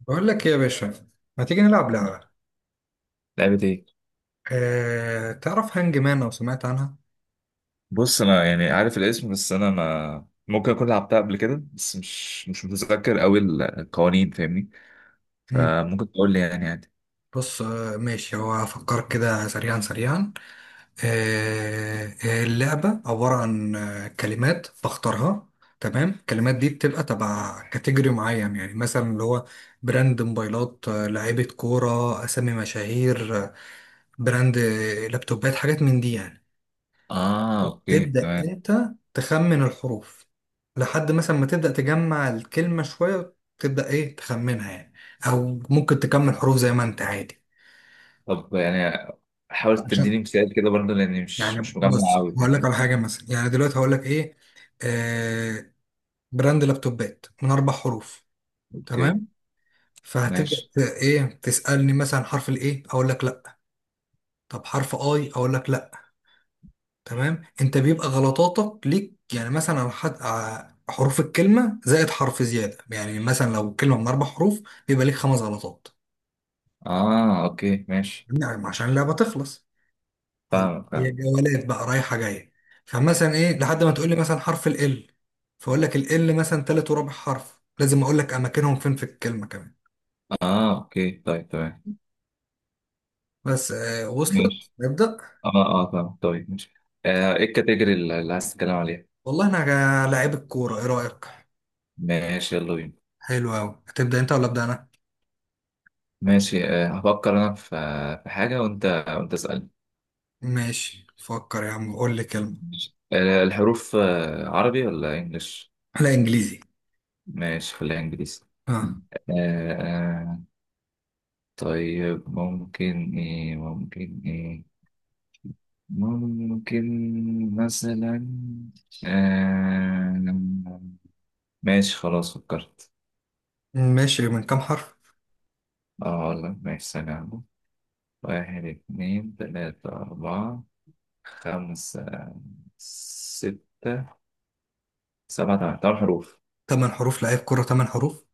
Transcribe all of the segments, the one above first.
بقول لك إيه يا باشا؟ ما تيجي نلعب لعبة؟ لعبة ايه؟ تعرف هانج مان او سمعت عنها؟ بص انا يعني عارف الاسم، بس انا ما ممكن اكون لعبتها قبل كده. بس مش متذكر قوي القوانين، فاهمني؟ مم. فممكن تقول لي يعني عادي. بص، ماشي، هو هفكر كده سريعا سريعا. أه اللعبة عبارة عن كلمات بختارها. تمام، الكلمات دي بتبقى تبع كاتيجوري معين، يعني مثلا اللي هو براند موبايلات، لعيبة كورة، أسامي مشاهير، براند لابتوبات، حاجات من دي يعني. اه اوكي تبدأ تمام. انت تخمن الحروف لحد مثلا ما تبدأ تجمع الكلمة شوية، تبدأ ايه تخمنها يعني، او ممكن تكمل حروف زي ما انت عادي. طب يعني حاول عشان تديني مثال كده برضه، لاني مش يعني، مش مجمع بص قوي هقول لك يعني. على حاجة مثلا، يعني دلوقتي هقول لك ايه، آه براند لابتوبات من اربع حروف. اوكي تمام، فهتبدأ ماشي. ايه تسألني مثلا حرف الايه، اقول لك لا. طب حرف اي، اقول لك لا. تمام، انت بيبقى غلطاتك ليك، يعني مثلا على حد حروف الكلمه زائد حرف زياده، يعني مثلا لو كلمه من اربع حروف، بيبقى ليك خمس غلطات، اه اوكي ماشي. يعني عشان ماشي، اللعبه تخلص. طب فاهمك هي فاهم. جولات بقى، رايحه جايه. فمثلا ايه لحد ما تقول لي مثلا حرف ال، فاقول لك ال مثلا تالت ورابع حرف، لازم اقول لك اماكنهم فين في الكلمه كمان. اه اوكي طيب تمام بس وصلت، ماشي. نبدا. اه اه فاهم طيب ماشي. ايه الكاتيجوري اللي عايز تتكلم عليها؟ والله، انا لعيب الكوره، ايه رايك؟ ماشي يلا بينا. حلو قوي، هتبدا انت ولا ابدا انا؟ ماشي. هفكر أنا في في حاجة، وأنت اسألني. ماشي، فكر يا عم، قول لي كلمه. ماشي. الحروف عربي ولا إنجليش؟ لا، انجليزي. ماشي، خليها إنجليزي. ها؟ آه، آه، طيب ممكن إيه ممكن مثلا آه، ماشي خلاص فكرت. ماشي، من كام حرف؟ اه والله ماشي ثانية. واحد اتنين تلاتة أربعة خمسة ستة سبعة. تمام تمام حروف. تمن حروف؟ لعيب كرة تمن حروف؟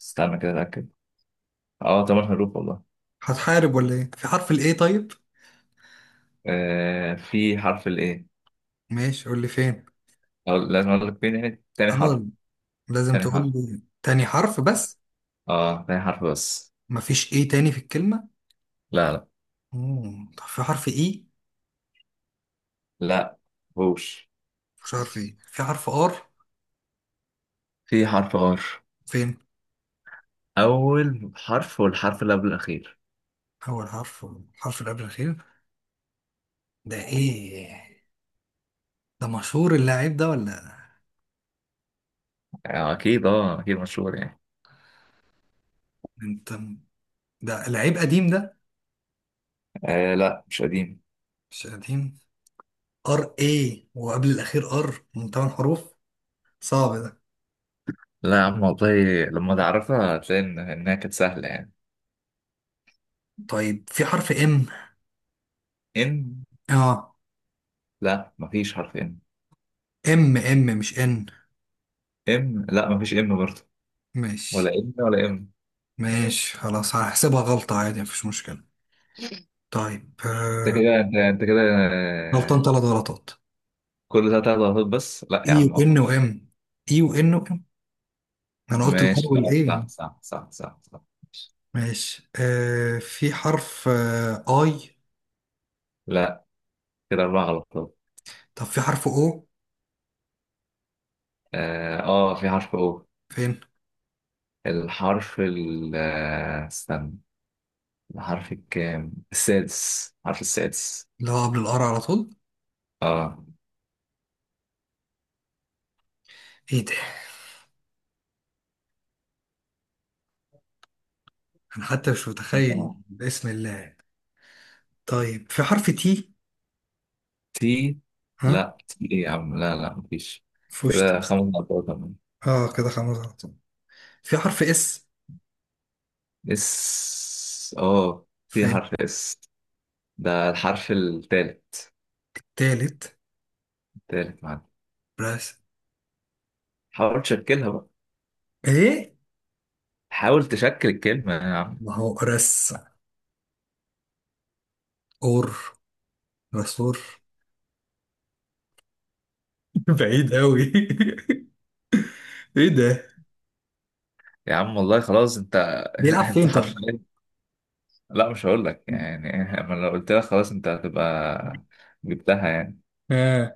استنى كده أتأكد. اه طبعا حروف والله. هتحارب ولا ايه؟ في حرف الايه؟ طيب. آه، في حرف الايه. ماشي، قول لي فين. أو لازم اقول لك فين يعني؟ تاني اه، حرف لازم تاني تقول حرف لي تاني حرف اه. بس. تاني حرف بس. مفيش ايه تاني في الكلمة؟ لا لا مم. طب في حرف اي؟ لا هوش. مفيش حرف ايه؟ في حرف ار؟ في حرف ار. فين؟ اول حرف والحرف اللي قبل الاخير. اول حرف، الحرف اللي قبل الاخير؟ ده ايه؟ ده مشهور اللاعب ده ولا؟ آه اكيد، اه اكيد مشهور يعني. انت، ده لعيب قديم ده؟ آه لا، مش قديم. مش قديم؟ ار ايه، وقبل الاخير ار، من تمن حروف؟ صعب ده. لا يا عم والله لما تعرفها هتلاقي انها كانت سهله يعني. طيب في حرف ام؟ ان؟ اه. لا، مفيش حرف ان. ام ام مش ان. ام؟ لا، مفيش ام برضه. ماشي. ولا ان ولا ام. ماشي، خلاص، هحسبها غلطة عادي، مفيش مشكلة. طيب. انت كده انت أنت كده. غلطان آه، ثلاث غلطات. كل ده تلات غلطات بس؟ لا اي يا عم وان اكتر. وام، اي وان وام، انا قلت الار ماشي. آه، صح والاي. صح صح صح صح ماشي. ماشي، في حرف اي؟ لا، كده اربع غلطات. طب في حرف او؟ اه، آه، في حرف او. فين؟ الحرف ال آه، استنى. الحرف الكام؟ السادس، الحرف السادس. اللي هو قبل الار على طول؟ اه ايه ده؟ انا حتى مش متخيل، تمام. باسم الله. طيب في حرف تي؟ تي؟ ها؟ لا تي ايه يا عم، لا لا مفيش. فوشت. كده خمس غلطات كمان. اه، كده خمس غلطات. في حرف اس؟ اس؟ اه، في في؟ حرف اس. ده الحرف التالت. التالت؟ التالت معانا. بس. حاول تشكلها بقى. ايه؟ حاول تشكل الكلمة يا عم. ما هو رس، اور، رسور. بعيد قوي. ايه ده؟ يا عم والله خلاص انت بيلعب انت فين طيب؟ حرفيا. لا مش هقول لك يعني. انا لو قلت لك خلاص انت هتبقى جبتها يعني. اه.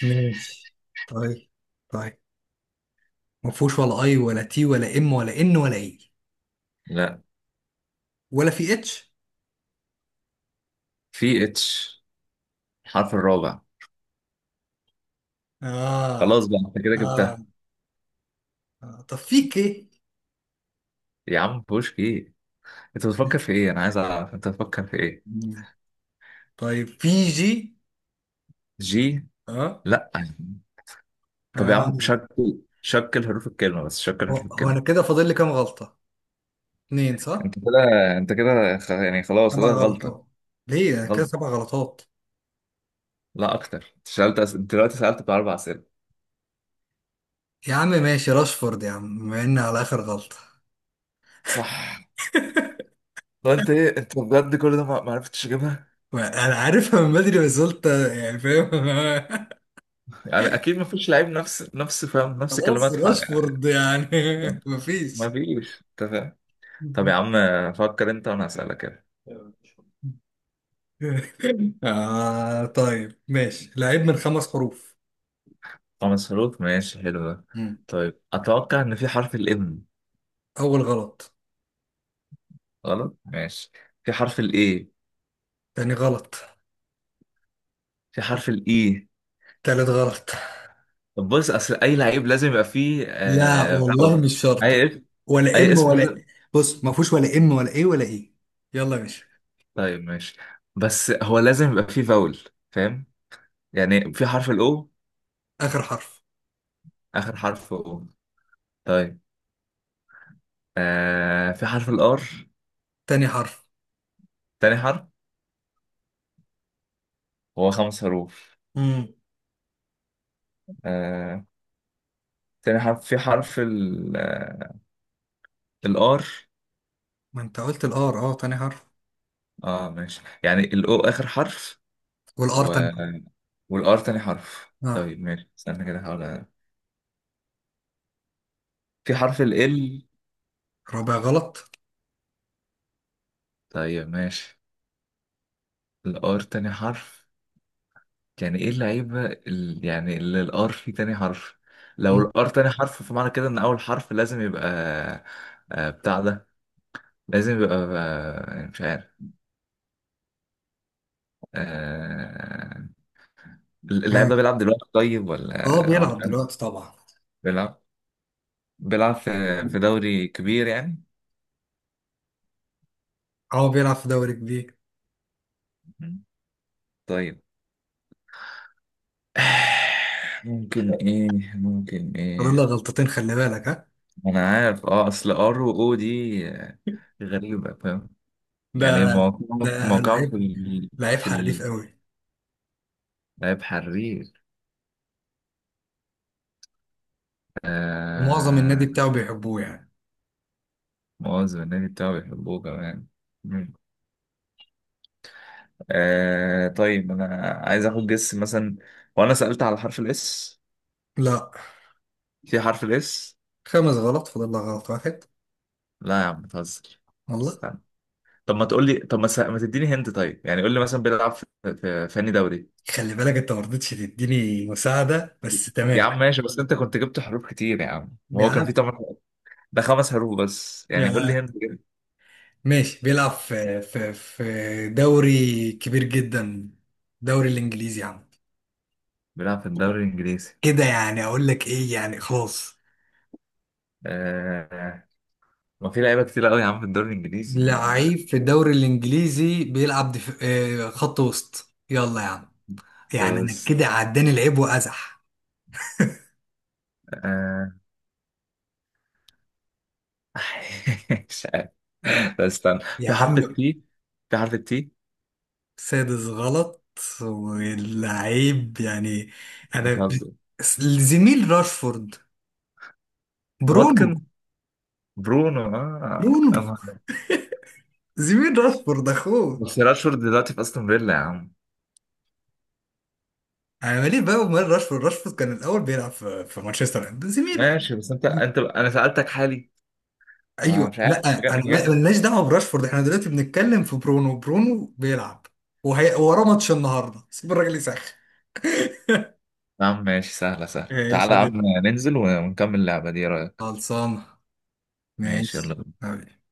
ماشي. طيب، طيب، ما فيهوش ولا اي ولا تي ولا ام ولا ان ولا اي. لا. ولا في اتش؟ في اتش. الحرف الرابع. آه. خلاص بقى انت كده اه، جبتها. اه، طب في كي؟ يا عم بوش ايه؟ انت بتفكر في ايه؟ انا عايز اعرف انت بتفكر في ايه. مم. طيب في جي؟ جي؟ اه. لا. طب يا عم اه شكل حروف الكلمة بس، شكل هو حروف هو الكلمة. انا كده فاضل لي كام غلطة؟ اتنين، انت صح؟ كده، خلاص سبع كده غلطة. غلطات؟ ليه انا كده غلط. سبع غلطات؟ لا اكتر. انت سألت انت دلوقتي سألت باربع اسئلة. يا عم ماشي، راشفورد يا عم، بما ان على اخر غلطة. صح. وانت ايه انت بجد كل ده ما عرفتش اجيبها؟ انا عارفها من بدري، بس قلت يعني، فاهم؟ يعني اكيد ما فيش لعيب نفس فاهم نفس خلاص كلمات حق راشفورد يعني. يعني. ما مفيش. فيش انت فاهم. طب يا عم فكر انت وانا اسالك كده. طيب، ماشي، لعيب من خمس حروف. خمس حروف ماشي، حلو ده. مم. طيب اتوقع ان في حرف الام. أول غلط. غلط؟ ماشي. في حرف الاي. تاني غلط. في حرف الاي تالت غلط. طب بص اصل اي لعيب لازم يبقى فيه لا والله، فاول. مش اي شرط. اسم، ولا اي ام اسم ولا لازم. إيه. بص، ما فيهوش ولا ام ولا ايه ولا ايه. يلا يا باشا. طيب ماشي بس هو لازم يبقى فيه فاول. فاهم؟ يعني في حرف الاو. آخر حرف. اخر حرف؟ او. طيب. في حرف الار. تاني حرف. تاني حرف هو خمس حروف. مم. آه. تاني حرف في حرف ال الار. ما انت قلت الار، اه، تاني حرف. اه ماشي، يعني الاو اخر حرف والار و تاني. والار تاني حرف. اه، طيب ماشي استنى كده احاول في حرف ال. رابع غلط. طيب ماشي. الار تاني حرف يعني ايه يعني اللي الار فيه تاني حرف؟ لو مم. الار تاني حرف، فمعنى كده ان اول حرف لازم يبقى بتاع ده، لازم يبقى مش عارف. آه، اللاعب ها؟ ده بيلعب دلوقتي طيب، اه، ولا هو بيلعب كان دلوقتي طبعا. بيلعب؟ بيلعب في دوري كبير يعني؟ اه، بيلعب في دوري كبير. مم. طيب. ممكن ايه ممكن فاضل له ايه؟ غلطتين، خلي بالك، ها. انا عارف، اه اصل ار و او دي غريبة فاهم؟ ده يعني موقعهم ده موقعهم لعيب، لعيب حريف قوي. لعيب حرير. ومعظم النادي آه. بتاعه بيحبوه يعني. مؤاخذة النادي بتاعه بيحبوه كمان. مم. طيب انا عايز اخد جس مثلا. وانا سألت على حرف الاس. لا، في حرف الاس؟ خمس غلط، فاضل لك غلط واحد. لا يا عم بتهزر. والله. استنى. طب ما تقول لي طب ما, س... ما تديني هنت طيب، يعني قول لي مثلا بيلعب في أنهي دوري؟ خلي بالك، انت ما رضيتش تديني مساعدة، بس يا تمام. عم ماشي، بس انت كنت جبت حروف كتير يا عم، يا وهو كان في عم. ثمان حروف. ده خمس حروف بس. يا يعني قول لي عم. هنت كده. ماشي، بيلعب في دوري كبير جدا، دوري الانجليزي يا عم. بيلعب في الدوري الانجليزي. كده يعني اقول لك ايه، يعني خلاص. آه. ما في لعيبه كتير قوي يا عم في الدوري الانجليزي لعيب في الدوري الانجليزي، بيلعب دف... آه، خط وسط، يلا يا عم، يعني انا بس كده عداني لعيب وازح. آه... مش عارف. طب طب استنى. يا في حرف عم، التي. في حرف التي سادس غلط، واللعيب يعني، انا، بتهزر. زميل راشفورد، برونو. واتكن. برونو اه برونو زميل راشفورد، اخوه. بس راشفورد دلوقتي في استون فيلا يا عم. انا مالي بقى ومال راشفورد. راشفورد كان الاول بيلعب في مانشستر، ده زميله. ماشي، بس انت انا سألتك حالي. ما ايوه، مش عارف لا، انا مجا-. مالناش دعوه براشفورد، احنا دلوقتي بنتكلم في برونو. برونو بيلعب، وهي وراه ماتش النهارده، سيب الراجل يسخن. يا عم ماشي سهلة ماشي. تعالى يا عم ننزل ونكمل اللعبة دي، ايه رأيك؟ خلصانه. ماشي ماشي. يلا. حبيبي.